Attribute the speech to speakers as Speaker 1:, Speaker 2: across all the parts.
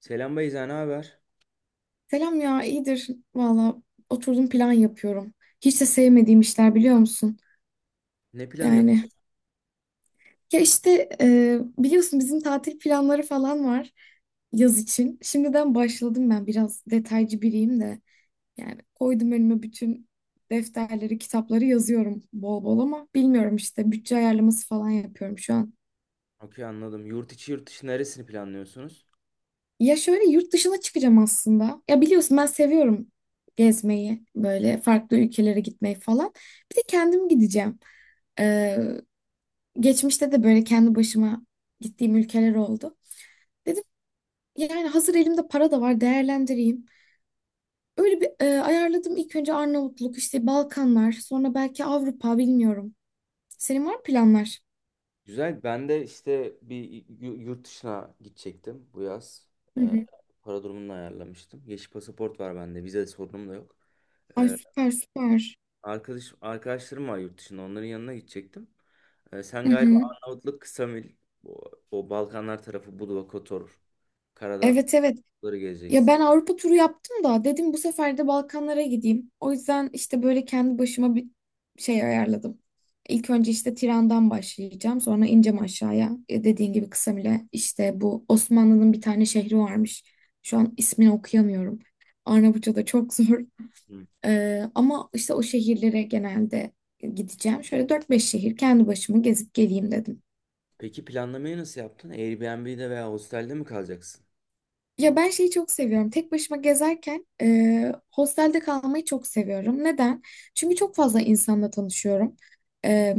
Speaker 1: Selam Beyza, ne haber?
Speaker 2: Selam ya, iyidir. Valla oturdum plan yapıyorum. Hiç de sevmediğim işler biliyor musun?
Speaker 1: Ne planı yapıyorsun?
Speaker 2: Yani ya işte biliyorsun bizim tatil planları falan var yaz için. Şimdiden başladım ben biraz detaycı biriyim de. Yani koydum önüme bütün defterleri, kitapları yazıyorum bol bol ama bilmiyorum işte bütçe ayarlaması falan yapıyorum şu an.
Speaker 1: Okey anladım. Yurt içi yurt dışı neresini planlıyorsunuz?
Speaker 2: Ya şöyle yurt dışına çıkacağım aslında. Ya biliyorsun ben seviyorum gezmeyi, böyle farklı ülkelere gitmeyi falan. Bir de kendim gideceğim. Ee, Geçmişte de böyle kendi başıma gittiğim ülkeler oldu. Dedim yani hazır elimde para da var değerlendireyim. Öyle bir ayarladım ilk önce Arnavutluk, işte Balkanlar, sonra belki Avrupa bilmiyorum. Senin var mı planlar?
Speaker 1: Güzel. Ben de işte bir yurt dışına gidecektim bu yaz.
Speaker 2: Hı
Speaker 1: Ee,
Speaker 2: hı.
Speaker 1: Para durumunu ayarlamıştım. Yeşil pasaport var bende. Vize sorunum da yok.
Speaker 2: Ay,
Speaker 1: Ee,
Speaker 2: süper, süper.
Speaker 1: arkadaşlarım var yurt dışında. Onların yanına gidecektim. Sen
Speaker 2: Hı
Speaker 1: galiba
Speaker 2: hı.
Speaker 1: Arnavutluk, Ksamil, o Balkanlar tarafı Budva, Kotor, Karadağ
Speaker 2: Evet, evet.
Speaker 1: falanları
Speaker 2: Ya
Speaker 1: gezeceksin.
Speaker 2: ben Avrupa turu yaptım da dedim bu sefer de Balkanlara gideyim. O yüzden işte böyle kendi başıma bir şey ayarladım. İlk önce işte Tiran'dan başlayacağım. Sonra ineceğim aşağıya. E, dediğin gibi Kısamile işte bu Osmanlı'nın bir tane şehri varmış. Şu an ismini okuyamıyorum. Arnavutça da çok zor.
Speaker 1: Hı.
Speaker 2: Ama işte o şehirlere genelde gideceğim. Şöyle 4-5 şehir kendi başıma gezip geleyim dedim.
Speaker 1: Peki planlamayı nasıl yaptın? Airbnb'de veya hostelde mi kalacaksın?
Speaker 2: Ya ben şeyi çok seviyorum. Tek başıma gezerken hostelde kalmayı çok seviyorum. Neden? Çünkü çok fazla insanla tanışıyorum. E,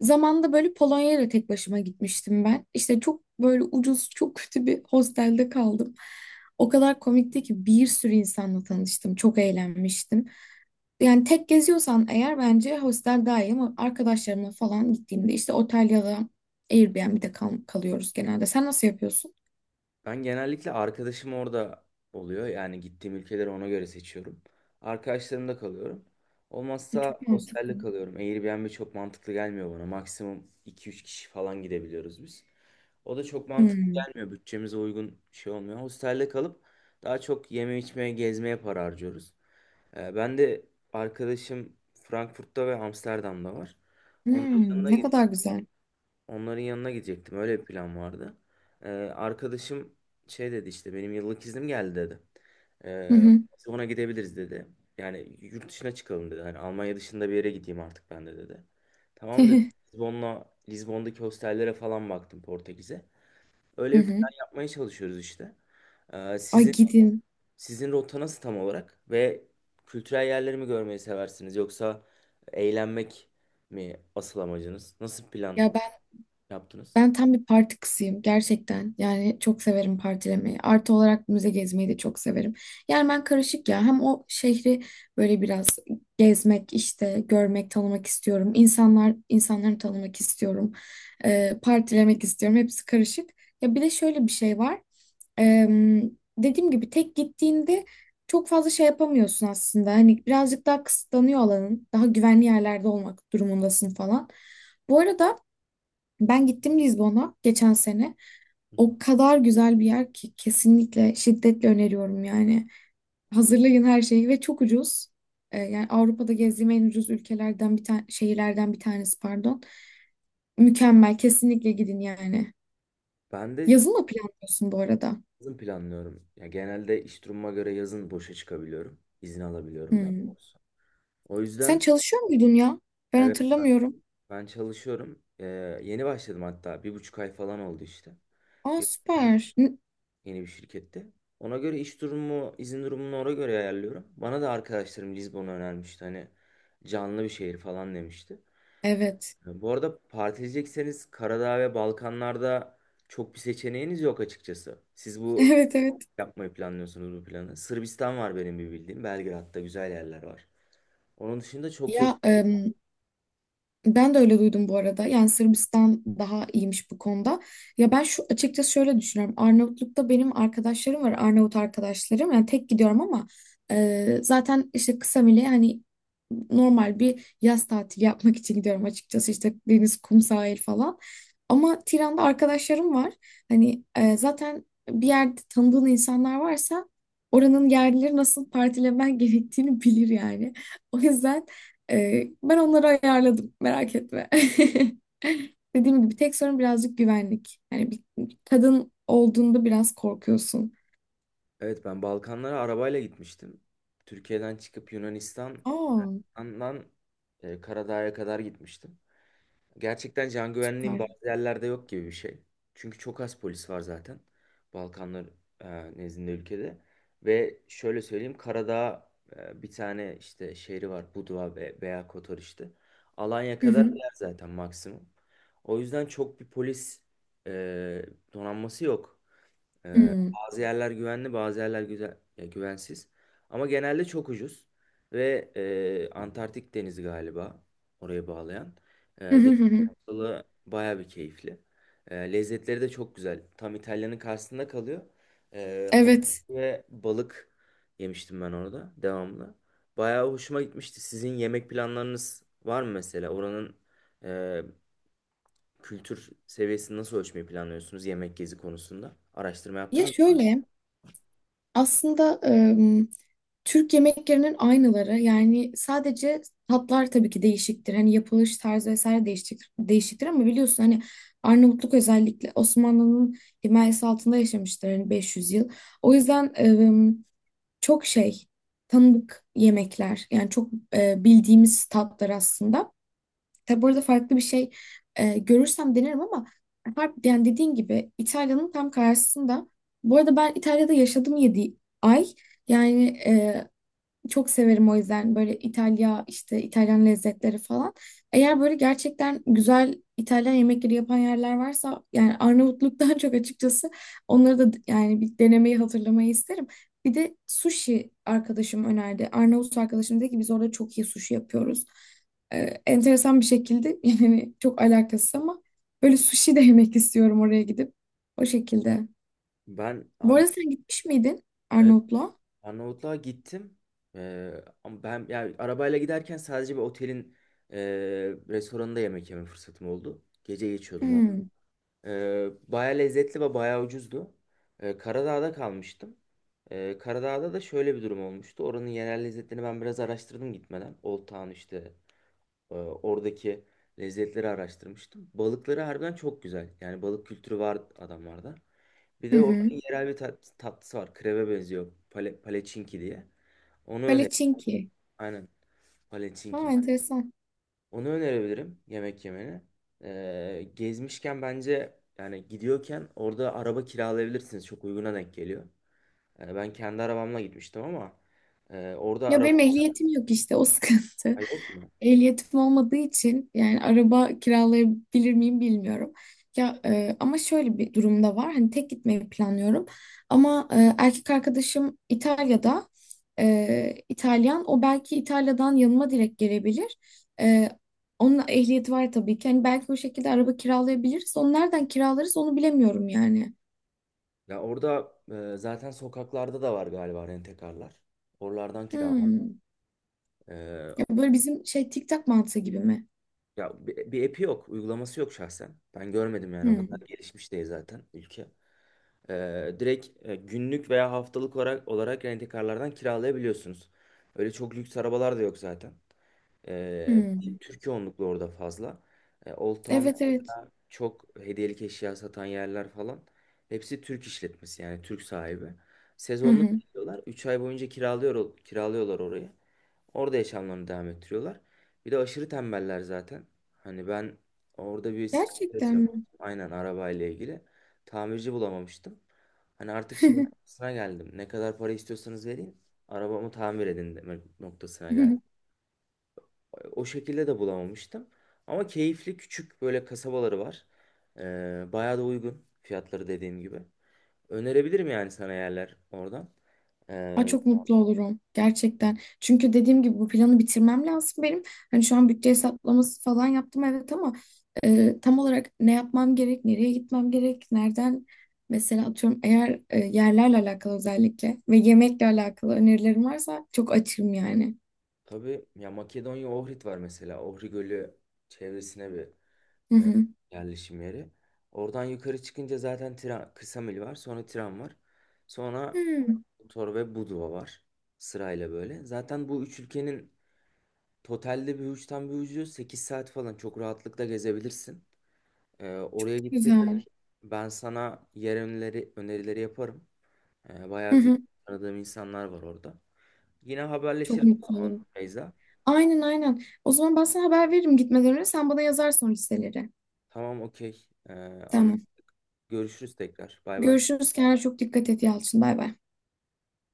Speaker 2: Zamanında böyle Polonya'ya da tek başıma gitmiştim ben. İşte çok böyle ucuz, çok kötü bir hostelde kaldım. O kadar komikti ki bir sürü insanla tanıştım. Çok eğlenmiştim. Yani tek geziyorsan eğer bence hostel daha iyi ama arkadaşlarımla falan gittiğimde işte otel ya da Airbnb'de kalıyoruz genelde. Sen nasıl yapıyorsun?
Speaker 1: Ben genellikle arkadaşım orada oluyor. Yani gittiğim ülkeleri ona göre seçiyorum. Arkadaşlarımda kalıyorum.
Speaker 2: Çok
Speaker 1: Olmazsa
Speaker 2: mantıklı.
Speaker 1: hostelde kalıyorum. Airbnb çok mantıklı gelmiyor bana. Maksimum iki üç kişi falan gidebiliyoruz biz. O da çok mantıklı
Speaker 2: Hmm.
Speaker 1: gelmiyor. Bütçemize uygun şey olmuyor. Hostelde kalıp daha çok yeme içmeye, gezmeye para harcıyoruz. Ben de arkadaşım Frankfurt'ta ve Amsterdam'da var. Onların
Speaker 2: Hmm,
Speaker 1: yanına
Speaker 2: ne
Speaker 1: gideyim.
Speaker 2: kadar güzel.
Speaker 1: Onların yanına gidecektim. Öyle bir plan vardı. Ee, Arkadaşım şey dedi işte benim yıllık iznim geldi dedi.
Speaker 2: Hı
Speaker 1: Ee,
Speaker 2: hı.
Speaker 1: Biz ona gidebiliriz dedi. Yani yurt dışına çıkalım dedi. Hani Almanya dışında bir yere gideyim artık ben de dedi. Tamam dedi. Lizbon'daki hostellere falan baktım Portekiz'e.
Speaker 2: Hı
Speaker 1: Öyle bir
Speaker 2: hı.
Speaker 1: plan yapmaya çalışıyoruz işte. Ee,
Speaker 2: Ay,
Speaker 1: sizin
Speaker 2: gidin.
Speaker 1: sizin rota nasıl tam olarak ve kültürel yerleri mi görmeyi seversiniz yoksa eğlenmek mi asıl amacınız? Nasıl plan
Speaker 2: Ya
Speaker 1: yaptınız?
Speaker 2: ben tam bir parti kızıyım gerçekten. Yani çok severim partilemeyi. Artı olarak müze gezmeyi de çok severim. Yani ben karışık ya. Hem o şehri böyle biraz gezmek, işte görmek, tanımak istiyorum. İnsanları tanımak istiyorum. Partilemek istiyorum. Hepsi karışık. Ya bir de şöyle bir şey var. Em, Dediğim gibi tek gittiğinde çok fazla şey yapamıyorsun aslında. Hani birazcık daha kısıtlanıyor alanın. Daha güvenli yerlerde olmak durumundasın falan. Bu arada ben gittim Lizbon'a geçen sene. O kadar güzel bir yer ki kesinlikle şiddetle öneriyorum yani. Hazırlayın her şeyi ve çok ucuz. E, yani Avrupa'da gezdiğim en ucuz ülkelerden bir tane şehirlerden bir tanesi, pardon. Mükemmel, kesinlikle gidin yani.
Speaker 1: Ben de
Speaker 2: Yazın mı planlıyorsun bu arada?
Speaker 1: yazın planlıyorum. Ya genelde iş durumuma göre yazın boşa çıkabiliyorum. İzin alabiliyorum daha
Speaker 2: Hmm.
Speaker 1: doğrusu. O
Speaker 2: Sen
Speaker 1: yüzden
Speaker 2: çalışıyor muydun ya? Ben
Speaker 1: evet,
Speaker 2: hatırlamıyorum.
Speaker 1: ben çalışıyorum. Yeni başladım hatta. 1,5 ay falan oldu işte.
Speaker 2: Aa, süper. N-
Speaker 1: Yeni bir şirkette. Ona göre iş durumu, izin durumunu ona göre ayarlıyorum. Bana da arkadaşlarım Lizbon'u önermişti. Hani canlı bir şehir falan demişti.
Speaker 2: Evet.
Speaker 1: Bu arada partileyecekseniz Karadağ ve Balkanlarda çok bir seçeneğiniz yok açıkçası. Siz bu
Speaker 2: Evet, evet.
Speaker 1: yapmayı planlıyorsunuz bu planı? Sırbistan var benim bir bildiğim. Belgrad'da güzel yerler var. Onun dışında çok yok.
Speaker 2: Ya ben de öyle duydum bu arada. Yani Sırbistan daha iyiymiş bu konuda. Ya ben şu açıkçası şöyle düşünüyorum. Arnavutluk'ta benim arkadaşlarım var. Arnavut arkadaşlarım. Yani tek gidiyorum ama zaten işte kısa bile hani normal bir yaz tatili yapmak için gidiyorum açıkçası. İşte deniz, kum, sahil falan. Ama Tiran'da arkadaşlarım var. Hani zaten bir yerde tanıdığın insanlar varsa oranın yerlileri nasıl partilemen gerektiğini bilir yani. O yüzden ben onları ayarladım. Merak etme. Dediğim gibi tek sorun birazcık güvenlik. Yani bir kadın olduğunda biraz korkuyorsun.
Speaker 1: Evet, ben Balkanlara arabayla gitmiştim. Türkiye'den çıkıp Yunanistan'dan
Speaker 2: Aa,
Speaker 1: Karadağ'a kadar gitmiştim. Gerçekten can güvenliğin
Speaker 2: var.
Speaker 1: bazı yerlerde yok gibi bir şey. Çünkü çok az polis var zaten. Balkanlar nezdinde ülkede. Ve şöyle söyleyeyim, Karadağ bir tane işte şehri var. Budva veya Kotor işte. Alanya
Speaker 2: Hı
Speaker 1: kadar
Speaker 2: hı.
Speaker 1: yer zaten maksimum. O yüzden çok bir polis e, donanması yok.
Speaker 2: Hı.
Speaker 1: Bazı yerler güvenli, bazı yerler güzel, ya güvensiz. Ama genelde çok ucuz ve Antarktik Denizi galiba oraya bağlayan.
Speaker 2: Hı hı,
Speaker 1: Deniz
Speaker 2: hı hı.
Speaker 1: yolu baya bir keyifli. Lezzetleri de çok güzel. Tam İtalya'nın karşısında kalıyor. Hamur
Speaker 2: Evet.
Speaker 1: ve balık yemiştim ben orada devamlı. Bayağı hoşuma gitmişti. Sizin yemek planlarınız var mı mesela? Oranın e, kültür seviyesini nasıl ölçmeyi planlıyorsunuz yemek gezi konusunda? Araştırma
Speaker 2: Ya
Speaker 1: yaptınız mı?
Speaker 2: şöyle aslında Türk yemeklerinin aynıları yani sadece tatlar tabii ki değişiktir. Hani yapılış tarzı vesaire değişiktir ama biliyorsun hani Arnavutluk özellikle Osmanlı'nın himayesi altında yaşamıştır hani 500 yıl. O yüzden çok şey, tanıdık yemekler yani çok bildiğimiz tatlar aslında. Tabi burada farklı bir şey görürsem denerim ama harp, yani dediğin gibi İtalya'nın tam karşısında. Bu arada ben İtalya'da yaşadım 7 ay. Yani çok severim o yüzden böyle İtalya, işte İtalyan lezzetleri falan. Eğer böyle gerçekten güzel İtalyan yemekleri yapan yerler varsa yani Arnavutluk'tan çok açıkçası onları da yani bir denemeyi, hatırlamayı isterim. Bir de sushi arkadaşım önerdi. Arnavut arkadaşım dedi ki biz orada çok iyi sushi yapıyoruz. Ee, Enteresan bir şekilde yani çok alakasız ama böyle sushi de yemek istiyorum oraya gidip. O şekilde.
Speaker 1: Ben
Speaker 2: Bu arada
Speaker 1: Arnavutluk'ta
Speaker 2: sen gitmiş miydin
Speaker 1: Evet,
Speaker 2: Arnavutluğa?
Speaker 1: Arnavutluğa gittim. Ee, Ama ben yani arabayla giderken sadece bir otelin e, restoranında yemek yeme fırsatım oldu. Gece geçiyordum orada.
Speaker 2: Hmm.
Speaker 1: Baya lezzetli ve baya ucuzdu. Karadağ'da kalmıştım. Karadağ'da da şöyle bir durum olmuştu. Oranın yerel lezzetlerini ben biraz araştırdım gitmeden. Old Town işte oradaki lezzetleri araştırmıştım. Balıkları harbiden çok güzel. Yani balık kültürü var adamlarda. Bir
Speaker 2: Hı
Speaker 1: de
Speaker 2: hı.
Speaker 1: oranın yerel bir tatlısı var. Kreve benziyor. Paleçinki diye. Onu öner.
Speaker 2: Palacinki.
Speaker 1: Aynen.
Speaker 2: Ha,
Speaker 1: Paleçinki.
Speaker 2: enteresan.
Speaker 1: Onu önerebilirim yemek yemeni. Gezmişken bence yani gidiyorken orada araba kiralayabilirsiniz. Çok uyguna denk geliyor. Yani ben kendi arabamla gitmiştim ama orada
Speaker 2: Ya
Speaker 1: araba.
Speaker 2: benim ehliyetim yok işte o sıkıntı.
Speaker 1: Ay, yok mu?
Speaker 2: Ehliyetim olmadığı için yani araba kiralayabilir miyim bilmiyorum. Ya ama şöyle bir durumda var. Hani tek gitmeyi planlıyorum. Ama erkek arkadaşım İtalya'da, İtalyan. O belki İtalya'dan yanıma direkt gelebilir. E, Onun ehliyeti var tabii ki. Hani belki o şekilde araba kiralayabiliriz. Onu nereden kiralarız onu bilemiyorum yani.
Speaker 1: Ya orada zaten sokaklarda da var galiba rentekarlar. Oralardan kiralı.
Speaker 2: Hmm. Ya böyle bizim şey TikTok mantığı gibi mi?
Speaker 1: Ya bir app'i yok, uygulaması yok şahsen. Ben görmedim yani o
Speaker 2: Hmm.
Speaker 1: kadar gelişmiş değil zaten ülke. Direkt günlük veya haftalık olarak rent-a-car'lardan kiralayabiliyorsunuz. Öyle çok lüks arabalar da yok zaten. Ee,
Speaker 2: Hmm.
Speaker 1: Türkiye onluklu orada fazla. Old Town
Speaker 2: Evet, evet.
Speaker 1: çok hediyelik eşya satan yerler falan hepsi Türk işletmesi yani Türk sahibi.
Speaker 2: Hı
Speaker 1: Sezonluk
Speaker 2: hı.
Speaker 1: yapıyorlar. 3 ay boyunca kiralıyorlar orayı. Orada yaşamlarını devam ettiriyorlar. Bir de aşırı tembeller zaten. Hani ben orada bir sıkıntı
Speaker 2: Gerçekten
Speaker 1: yaşamıştım.
Speaker 2: mi?
Speaker 1: Aynen arabayla ilgili. Tamirci bulamamıştım. Hani artık şey noktasına geldim. Ne kadar para istiyorsanız vereyim. Arabamı tamir edin demek noktasına geldim. O şekilde de bulamamıştım. Ama keyifli küçük böyle kasabaları var. Bayağı da uygun fiyatları dediğim gibi. Önerebilirim yani sana yerler oradan.
Speaker 2: Aa,
Speaker 1: Ee,
Speaker 2: çok mutlu olurum. Gerçekten. Çünkü dediğim gibi bu planı bitirmem lazım benim. Hani şu an bütçe hesaplaması falan yaptım evet ama tam olarak ne yapmam gerek, nereye gitmem gerek, nereden mesela atıyorum eğer yerlerle alakalı özellikle ve yemekle alakalı önerilerim varsa çok açığım yani.
Speaker 1: tabii ya, Makedonya Ohrid var mesela. Ohri Gölü çevresine bir
Speaker 2: Hı
Speaker 1: e,
Speaker 2: hı.
Speaker 1: yerleşim yeri. Oradan yukarı çıkınca zaten tren, kısa var. Sonra tren var. Sonra
Speaker 2: Hı,
Speaker 1: Kotor ve Budva var. Sırayla böyle. Zaten bu üç ülkenin totalde bir uçtan bir ucu 8 saat falan çok rahatlıkla gezebilirsin. Oraya gittiğinde
Speaker 2: güzel.
Speaker 1: ben sana yer önerileri yaparım.
Speaker 2: Hı
Speaker 1: Bayağı bir
Speaker 2: hı.
Speaker 1: tanıdığım insanlar var orada. Yine
Speaker 2: Çok
Speaker 1: haberleşiriz o
Speaker 2: mutlu
Speaker 1: zaman
Speaker 2: olurum.
Speaker 1: Beyza.
Speaker 2: Aynen, aynen. O zaman ben sana haber veririm gitmeden önce. Sen bana yazarsın o listeleri.
Speaker 1: Tamam, okey. Anla-
Speaker 2: Tamam.
Speaker 1: Görüşürüz tekrar. Bay bay.
Speaker 2: Görüşürüz. Kendine çok dikkat et, Yalçın. Bay bay.